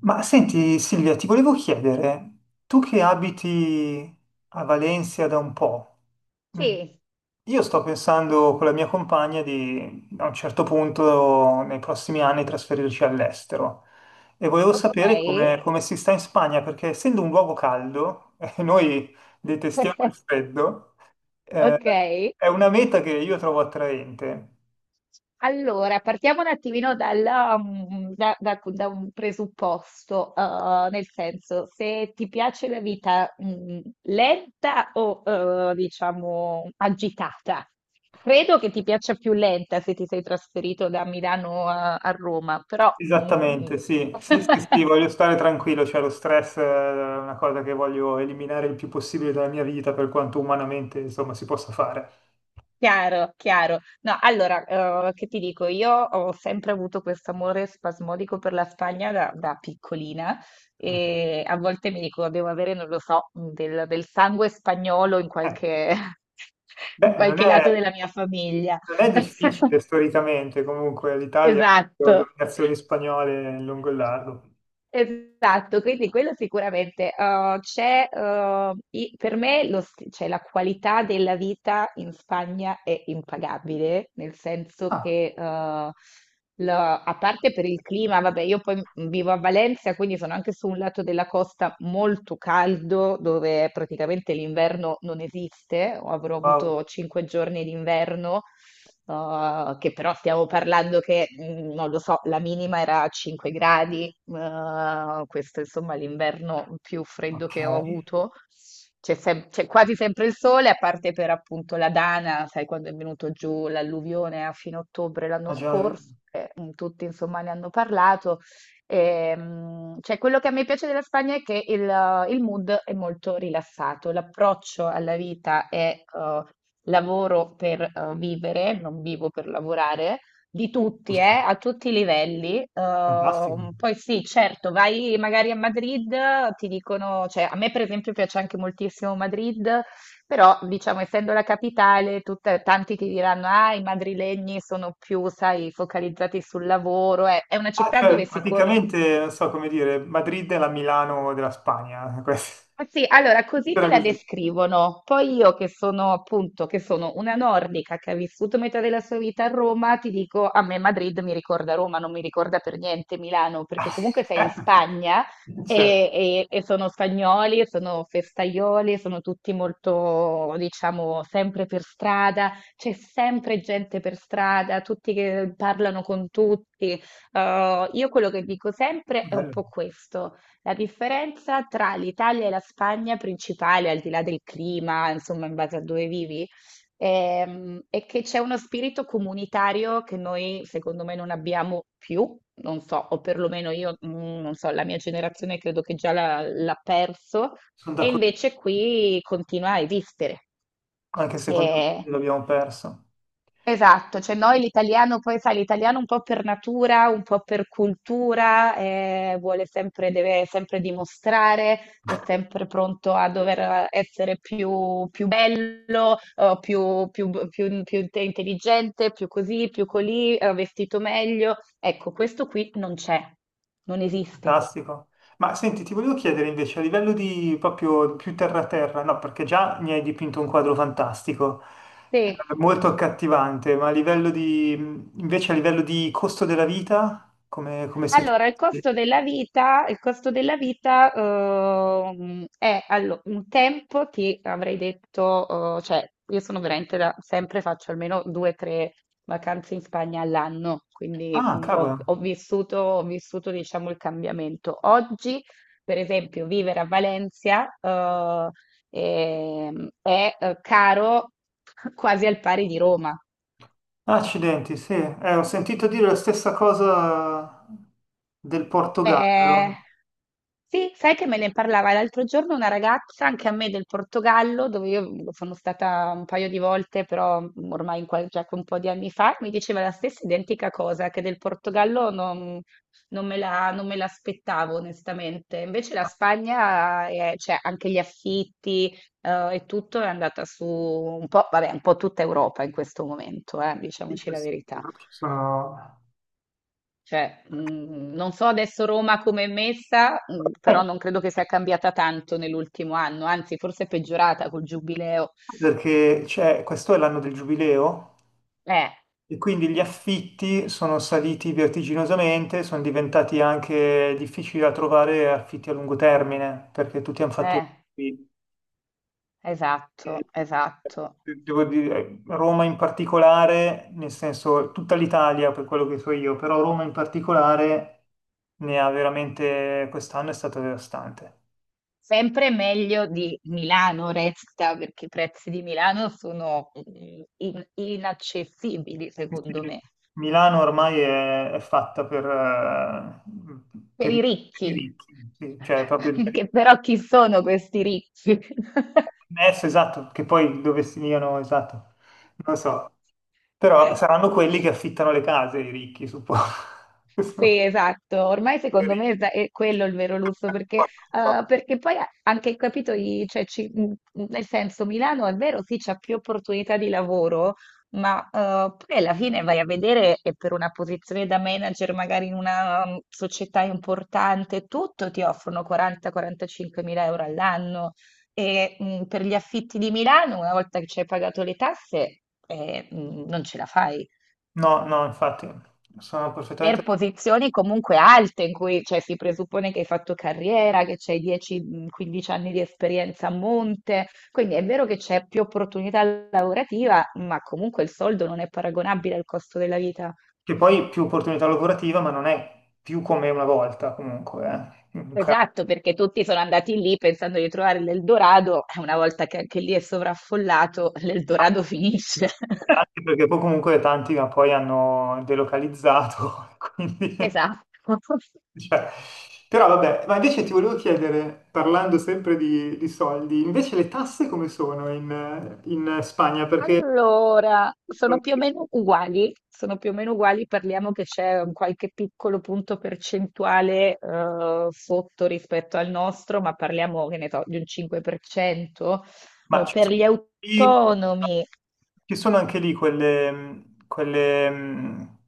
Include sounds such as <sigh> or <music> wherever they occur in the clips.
Ma senti Silvia, ti volevo chiedere, tu che abiti a Valencia da un po', mm, Sì, io sto pensando con la mia compagna di a un certo punto nei prossimi anni trasferirci all'estero e volevo sapere okay. Come si sta in Spagna perché essendo un luogo caldo, <laughs> e noi detestiamo il <laughs> freddo, eh, Okay. è una meta che io trovo attraente. Allora, partiamo un attimino dalla da un presupposto. Nel senso, se ti piace la vita, mhmm, lenta o, diciamo agitata? Credo che ti piaccia più lenta se ti sei trasferito da Milano a Roma, però, mhmm Esattamente, sì. Sì, sì, sì, <laughs> voglio stare tranquillo, cioè lo stress è una cosa che voglio eliminare il più possibile dalla mia vita per quanto umanamente, insomma, si possa fare. Chiaro, chiaro. No, allora, che ti dico, io ho sempre avuto questo amore spasmodico per la Spagna da piccolina Eh, e a volte mi dico, devo avere, non lo so, del sangue spagnolo in eh, qualche, <laughs> in beh, qualche lato della mia famiglia. non è difficile <laughs> storicamente, comunque l'Italia ha Esatto. avuto dominazioni spagnole lungo il largo. Esatto, quindi quello sicuramente. Per me cioè, la qualità della vita in Spagna è impagabile, nel senso Ah, che, a parte per il clima, vabbè, io poi vivo a Valencia, quindi sono anche su un lato della costa molto caldo, dove praticamente l'inverno non esiste, avrò wow, avuto 5 giorni d'inverno. Che però stiamo parlando che, non lo so, la minima era a 5 gradi. Questo insomma è l'inverno più freddo ok. che ho avuto. C'è quasi sempre il sole, a parte per appunto la Dana, sai, quando è venuto giù l'alluvione a fine ottobre l'anno Ah, già, scorso, tutti insomma ne hanno parlato. Cioè, quello che a me piace della Spagna è che il mood è molto rilassato, l'approccio alla vita è lavoro per vivere, non vivo per lavorare, di tutti, giusto. a tutti i livelli. Fantastico. Poi sì, certo, vai magari a Madrid, ti dicono, cioè a me per esempio piace anche moltissimo Madrid, però diciamo essendo la capitale, tanti ti diranno, ah, i madrilegni sono più, sai, focalizzati sul lavoro, è una Ah, città cioè, dove si corre. praticamente, non so come dire, Madrid è la Milano della Spagna, <laughs> questo. Ah, sì, allora così te Era la così. descrivono. Poi io che sono appunto, che sono una nordica che ha vissuto metà della sua vita a Roma, ti dico, a me Madrid mi ricorda Roma, non mi ricorda per niente Milano, perché comunque sei in <laughs> Spagna <laughs> Cioè, e sono spagnoli, sono festaioli, sono tutti molto, diciamo, sempre per strada, c'è sempre gente per strada, tutti che parlano con tutti. Io quello che dico sempre è un bello. po' questo. La differenza tra l'Italia e la Spagna principale, al di là del clima, insomma, in base a dove vivi, è che c'è uno spirito comunitario che noi, secondo me, non abbiamo più, non so, o perlomeno io, non so, la mia generazione credo che già l'ha perso, Sono e d'accordo, invece qui continua a esistere. anche secondo Eh, me l'abbiamo perso. Esatto, cioè noi l'italiano, poi sai, l'italiano un po' per natura, un po' per cultura, vuole sempre, deve sempre dimostrare, è sempre pronto a dover essere più, più bello, intelligente, più così, più colì, vestito meglio. Ecco, questo qui non c'è, non esiste. Fantastico. Ma senti, ti volevo chiedere invece a livello di proprio più terra-terra, no, perché già mi hai dipinto un quadro fantastico, Sì. Molto accattivante, ma a livello di, invece a livello di costo della vita, come siete? Allora, il costo della vita, il costo della vita è un tempo, ti avrei detto, cioè io sono veramente da, sempre faccio almeno due o tre vacanze in Spagna all'anno, quindi Ah, cavolo. Ho vissuto diciamo il cambiamento. Oggi, per esempio, vivere a Valencia è caro <laughs> quasi al pari di Roma. Accidenti, sì. Ho sentito dire la stessa cosa del Eh, Portogallo. sì, sai che me ne parlava l'altro giorno una ragazza, anche a me del Portogallo, dove io sono stata un paio di volte, però ormai già un po' di anni fa, mi diceva la stessa identica cosa, che del Portogallo non, non me l'aspettavo onestamente. Invece la Spagna, cioè anche gli affitti, e tutto è andata su un po', vabbè, un po' tutta Europa in questo momento, Sì, diciamoci la sì, verità. ci sono... Cioè, non so adesso Roma come è messa, però Eh, non credo che sia cambiata tanto nell'ultimo anno, anzi forse è peggiorata col giubileo. Questo è l'anno del giubileo Eh, e quindi gli affitti sono saliti vertiginosamente, sono diventati anche difficili da trovare affitti a lungo termine, perché tutti hanno fatto... eh, Eh, esatto, esatto. devo dire, Roma in particolare, nel senso tutta l'Italia per quello che so io, però Roma in particolare ne ha veramente, quest'anno è stata devastante. Sempre meglio di Milano resta, perché i prezzi di Milano sono inaccessibili, secondo Sì, me, Milano ormai è fatta per i per i ricchi. ricchi, sì, cioè proprio il <laughs> Che però chi sono questi ricchi? messo, esatto, che poi dove stiano, esatto, non lo so, però saranno <laughs> quelli che affittano le case, i ricchi, suppongo. Sì, <laughs> esatto, ormai secondo Per- me è quello il vero lusso, perché, perché poi anche capito, cioè, nel senso Milano è vero, sì, c'è più opportunità di lavoro, ma poi alla fine vai a vedere e per una posizione da manager magari in una società importante, tutto ti offrono 40-45 mila € all'anno e per gli affitti di Milano, una volta che ci hai pagato le tasse, non ce la fai No, no, infatti, sono per perfettamente... posizioni comunque alte in cui cioè, si presuppone che hai fatto carriera, che c'hai 10-15 anni di esperienza a monte, quindi è vero che c'è più opportunità lavorativa, ma comunque il soldo non è paragonabile al costo della vita. Che poi più opportunità lavorativa, ma non è più come una volta comunque, eh. Esatto, perché tutti sono andati lì pensando di trovare l'Eldorado, e una volta che anche lì è sovraffollato, l'Eldorado finisce. <laughs> Anche perché poi comunque tanti ma poi hanno delocalizzato, <laughs> quindi... Esatto. cioè, però vabbè, ma invece ti volevo chiedere, parlando sempre di soldi, invece le tasse come sono in Spagna? Perché... Allora, sono più o meno uguali, sono più o meno uguali, parliamo che c'è un qualche piccolo punto percentuale sotto rispetto al nostro, ma parliamo, che ne so, di un 5%. Ma ci Per sono, gli lì- autonomi, ci sono anche lì quelle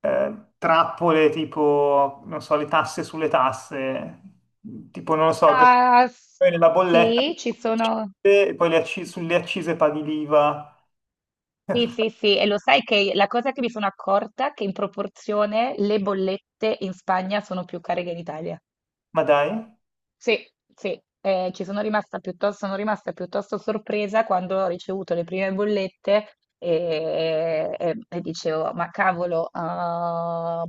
trappole tipo, non so, le tasse sulle tasse, tipo, non lo so, ah, s- poi nella bolletta, sì, ci sono... e poi le acci- sulle accise paghi l'IVA, Sì, sì, sì, e lo sai che la cosa che mi sono accorta è che in proporzione le bollette in Spagna sono più care che in Italia. ma dai, Sì, sì, ci sono rimasta piuttosto sorpresa quando ho ricevuto le prime bollette e dicevo, ma cavolo, ah,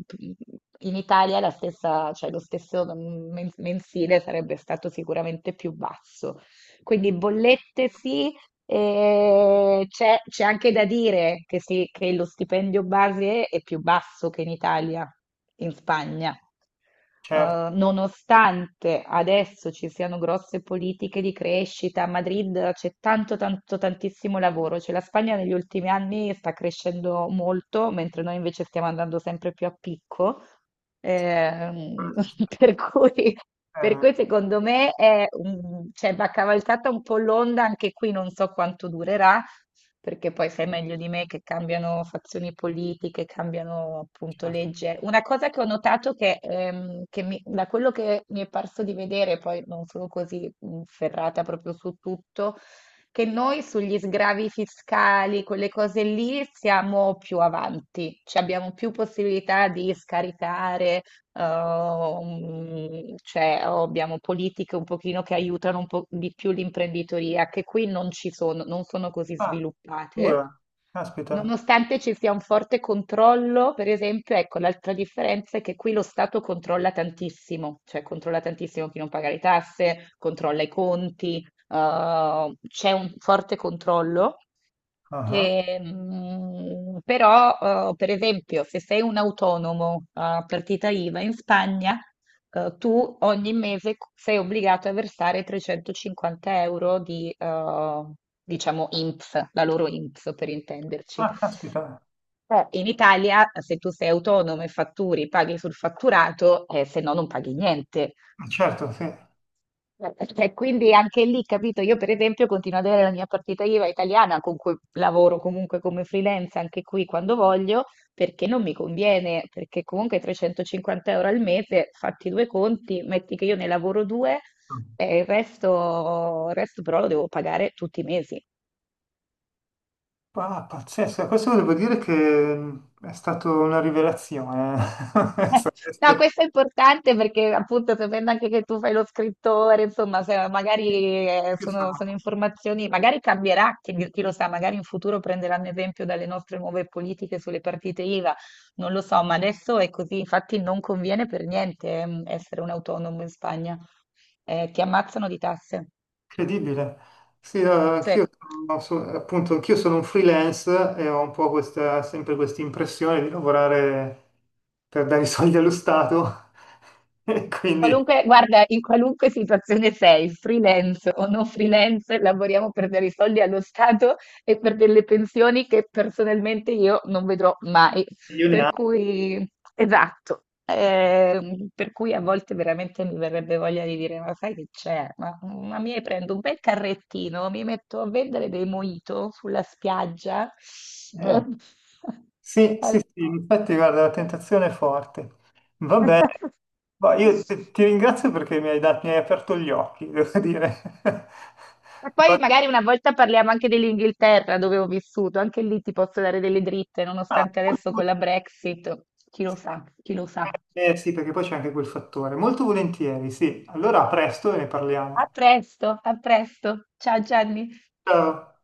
in Italia la stessa, cioè lo stesso mensile sarebbe stato sicuramente più basso. Quindi bollette sì, e c'è anche da dire che, sì, che lo stipendio base è più basso che in Italia, in Spagna. certo. Nonostante adesso ci siano grosse politiche di crescita, a Madrid c'è tanto, tanto, tantissimo lavoro, cioè la Spagna negli ultimi anni sta crescendo molto, mentre noi invece stiamo andando sempre più a picco. Ehm, <laughs> per cui, per Eh, cui secondo me è cioè, va cavalcata un po' l'onda, anche qui non so quanto durerà, perché poi sai meglio di me che cambiano fazioni politiche, cambiano appunto certo. legge. Una cosa che ho notato che, da quello che mi è parso di vedere, poi non sono così ferrata proprio su tutto, che noi sugli sgravi fiscali, quelle cose lì, siamo più avanti, cioè abbiamo più possibilità di scaricare, cioè o abbiamo politiche un pochino che aiutano un po' di più l'imprenditoria, che qui non ci sono, non sono così Ah, sviluppate. dura, caspita. Nonostante ci sia un forte controllo, per esempio, ecco, l'altra differenza è che qui lo Stato controlla tantissimo, cioè controlla tantissimo chi non paga le tasse, controlla i conti, c'è un forte controllo, Ah, ah. ehm, però per esempio se sei un autonomo a partita IVA in Spagna, tu ogni mese sei obbligato a versare €350 di, diciamo, INPS, la loro INPS per intenderci. Ah, caspita. In Italia, se tu sei autonomo e fatturi, paghi sul fatturato, se no non paghi niente. Ah, certo, sì. E quindi anche lì, capito, io per esempio continuo ad avere la mia partita IVA italiana con cui lavoro comunque come freelance anche qui quando voglio, perché non mi conviene, perché comunque €350 al mese, fatti due conti, metti che io ne lavoro due e il resto però lo devo pagare tutti i mesi. Ah, pazzesco, questo devo dire che è stata una rivelazione. <laughs> No, Aspetti. questo è importante perché appunto sapendo anche che tu fai lo scrittore, insomma, se magari Io sono- sono informazioni, magari cambierà, chi lo sa, magari in futuro prenderanno esempio dalle nostre nuove politiche sulle partite IVA, non lo so, ma adesso è così, infatti non conviene per niente essere un autonomo in Spagna. Ti ammazzano di tasse. Incredibile. Sì, no, Sì. Appunto, anch'io sono un freelance e ho un po' questa, sempre questa impressione di lavorare per dare i <laughs> soldi allo Stato, <laughs> e quindi Qualunque, guarda, in qualunque situazione sei, freelance o non freelance, lavoriamo per dare i soldi allo Stato e per delle pensioni che personalmente io non vedrò mai. io ne Per ha. cui, esatto, per cui a volte veramente mi verrebbe voglia di dire, ma sai che c'è? Ma mi prendo un bel carrettino, mi metto a vendere dei mojito sulla spiaggia. Eh, <laughs> sì, sì, Allora, sì, infatti guarda, la tentazione è forte. Vabbè, ma io <laughs> ti ringrazio perché mi hai aperto gli occhi, devo dire. <laughs> e poi magari una volta parliamo anche dell'Inghilterra, dove ho vissuto, anche lì ti posso dare delle dritte, Ah, nonostante molto adesso vol- con la Brexit, chi lo sa, chi lo sa. Sì, perché poi c'è anche quel fattore. Molto volentieri, sì. Allora, a presto e ne A parliamo. presto, a presto. Ciao Gianni. Ciao.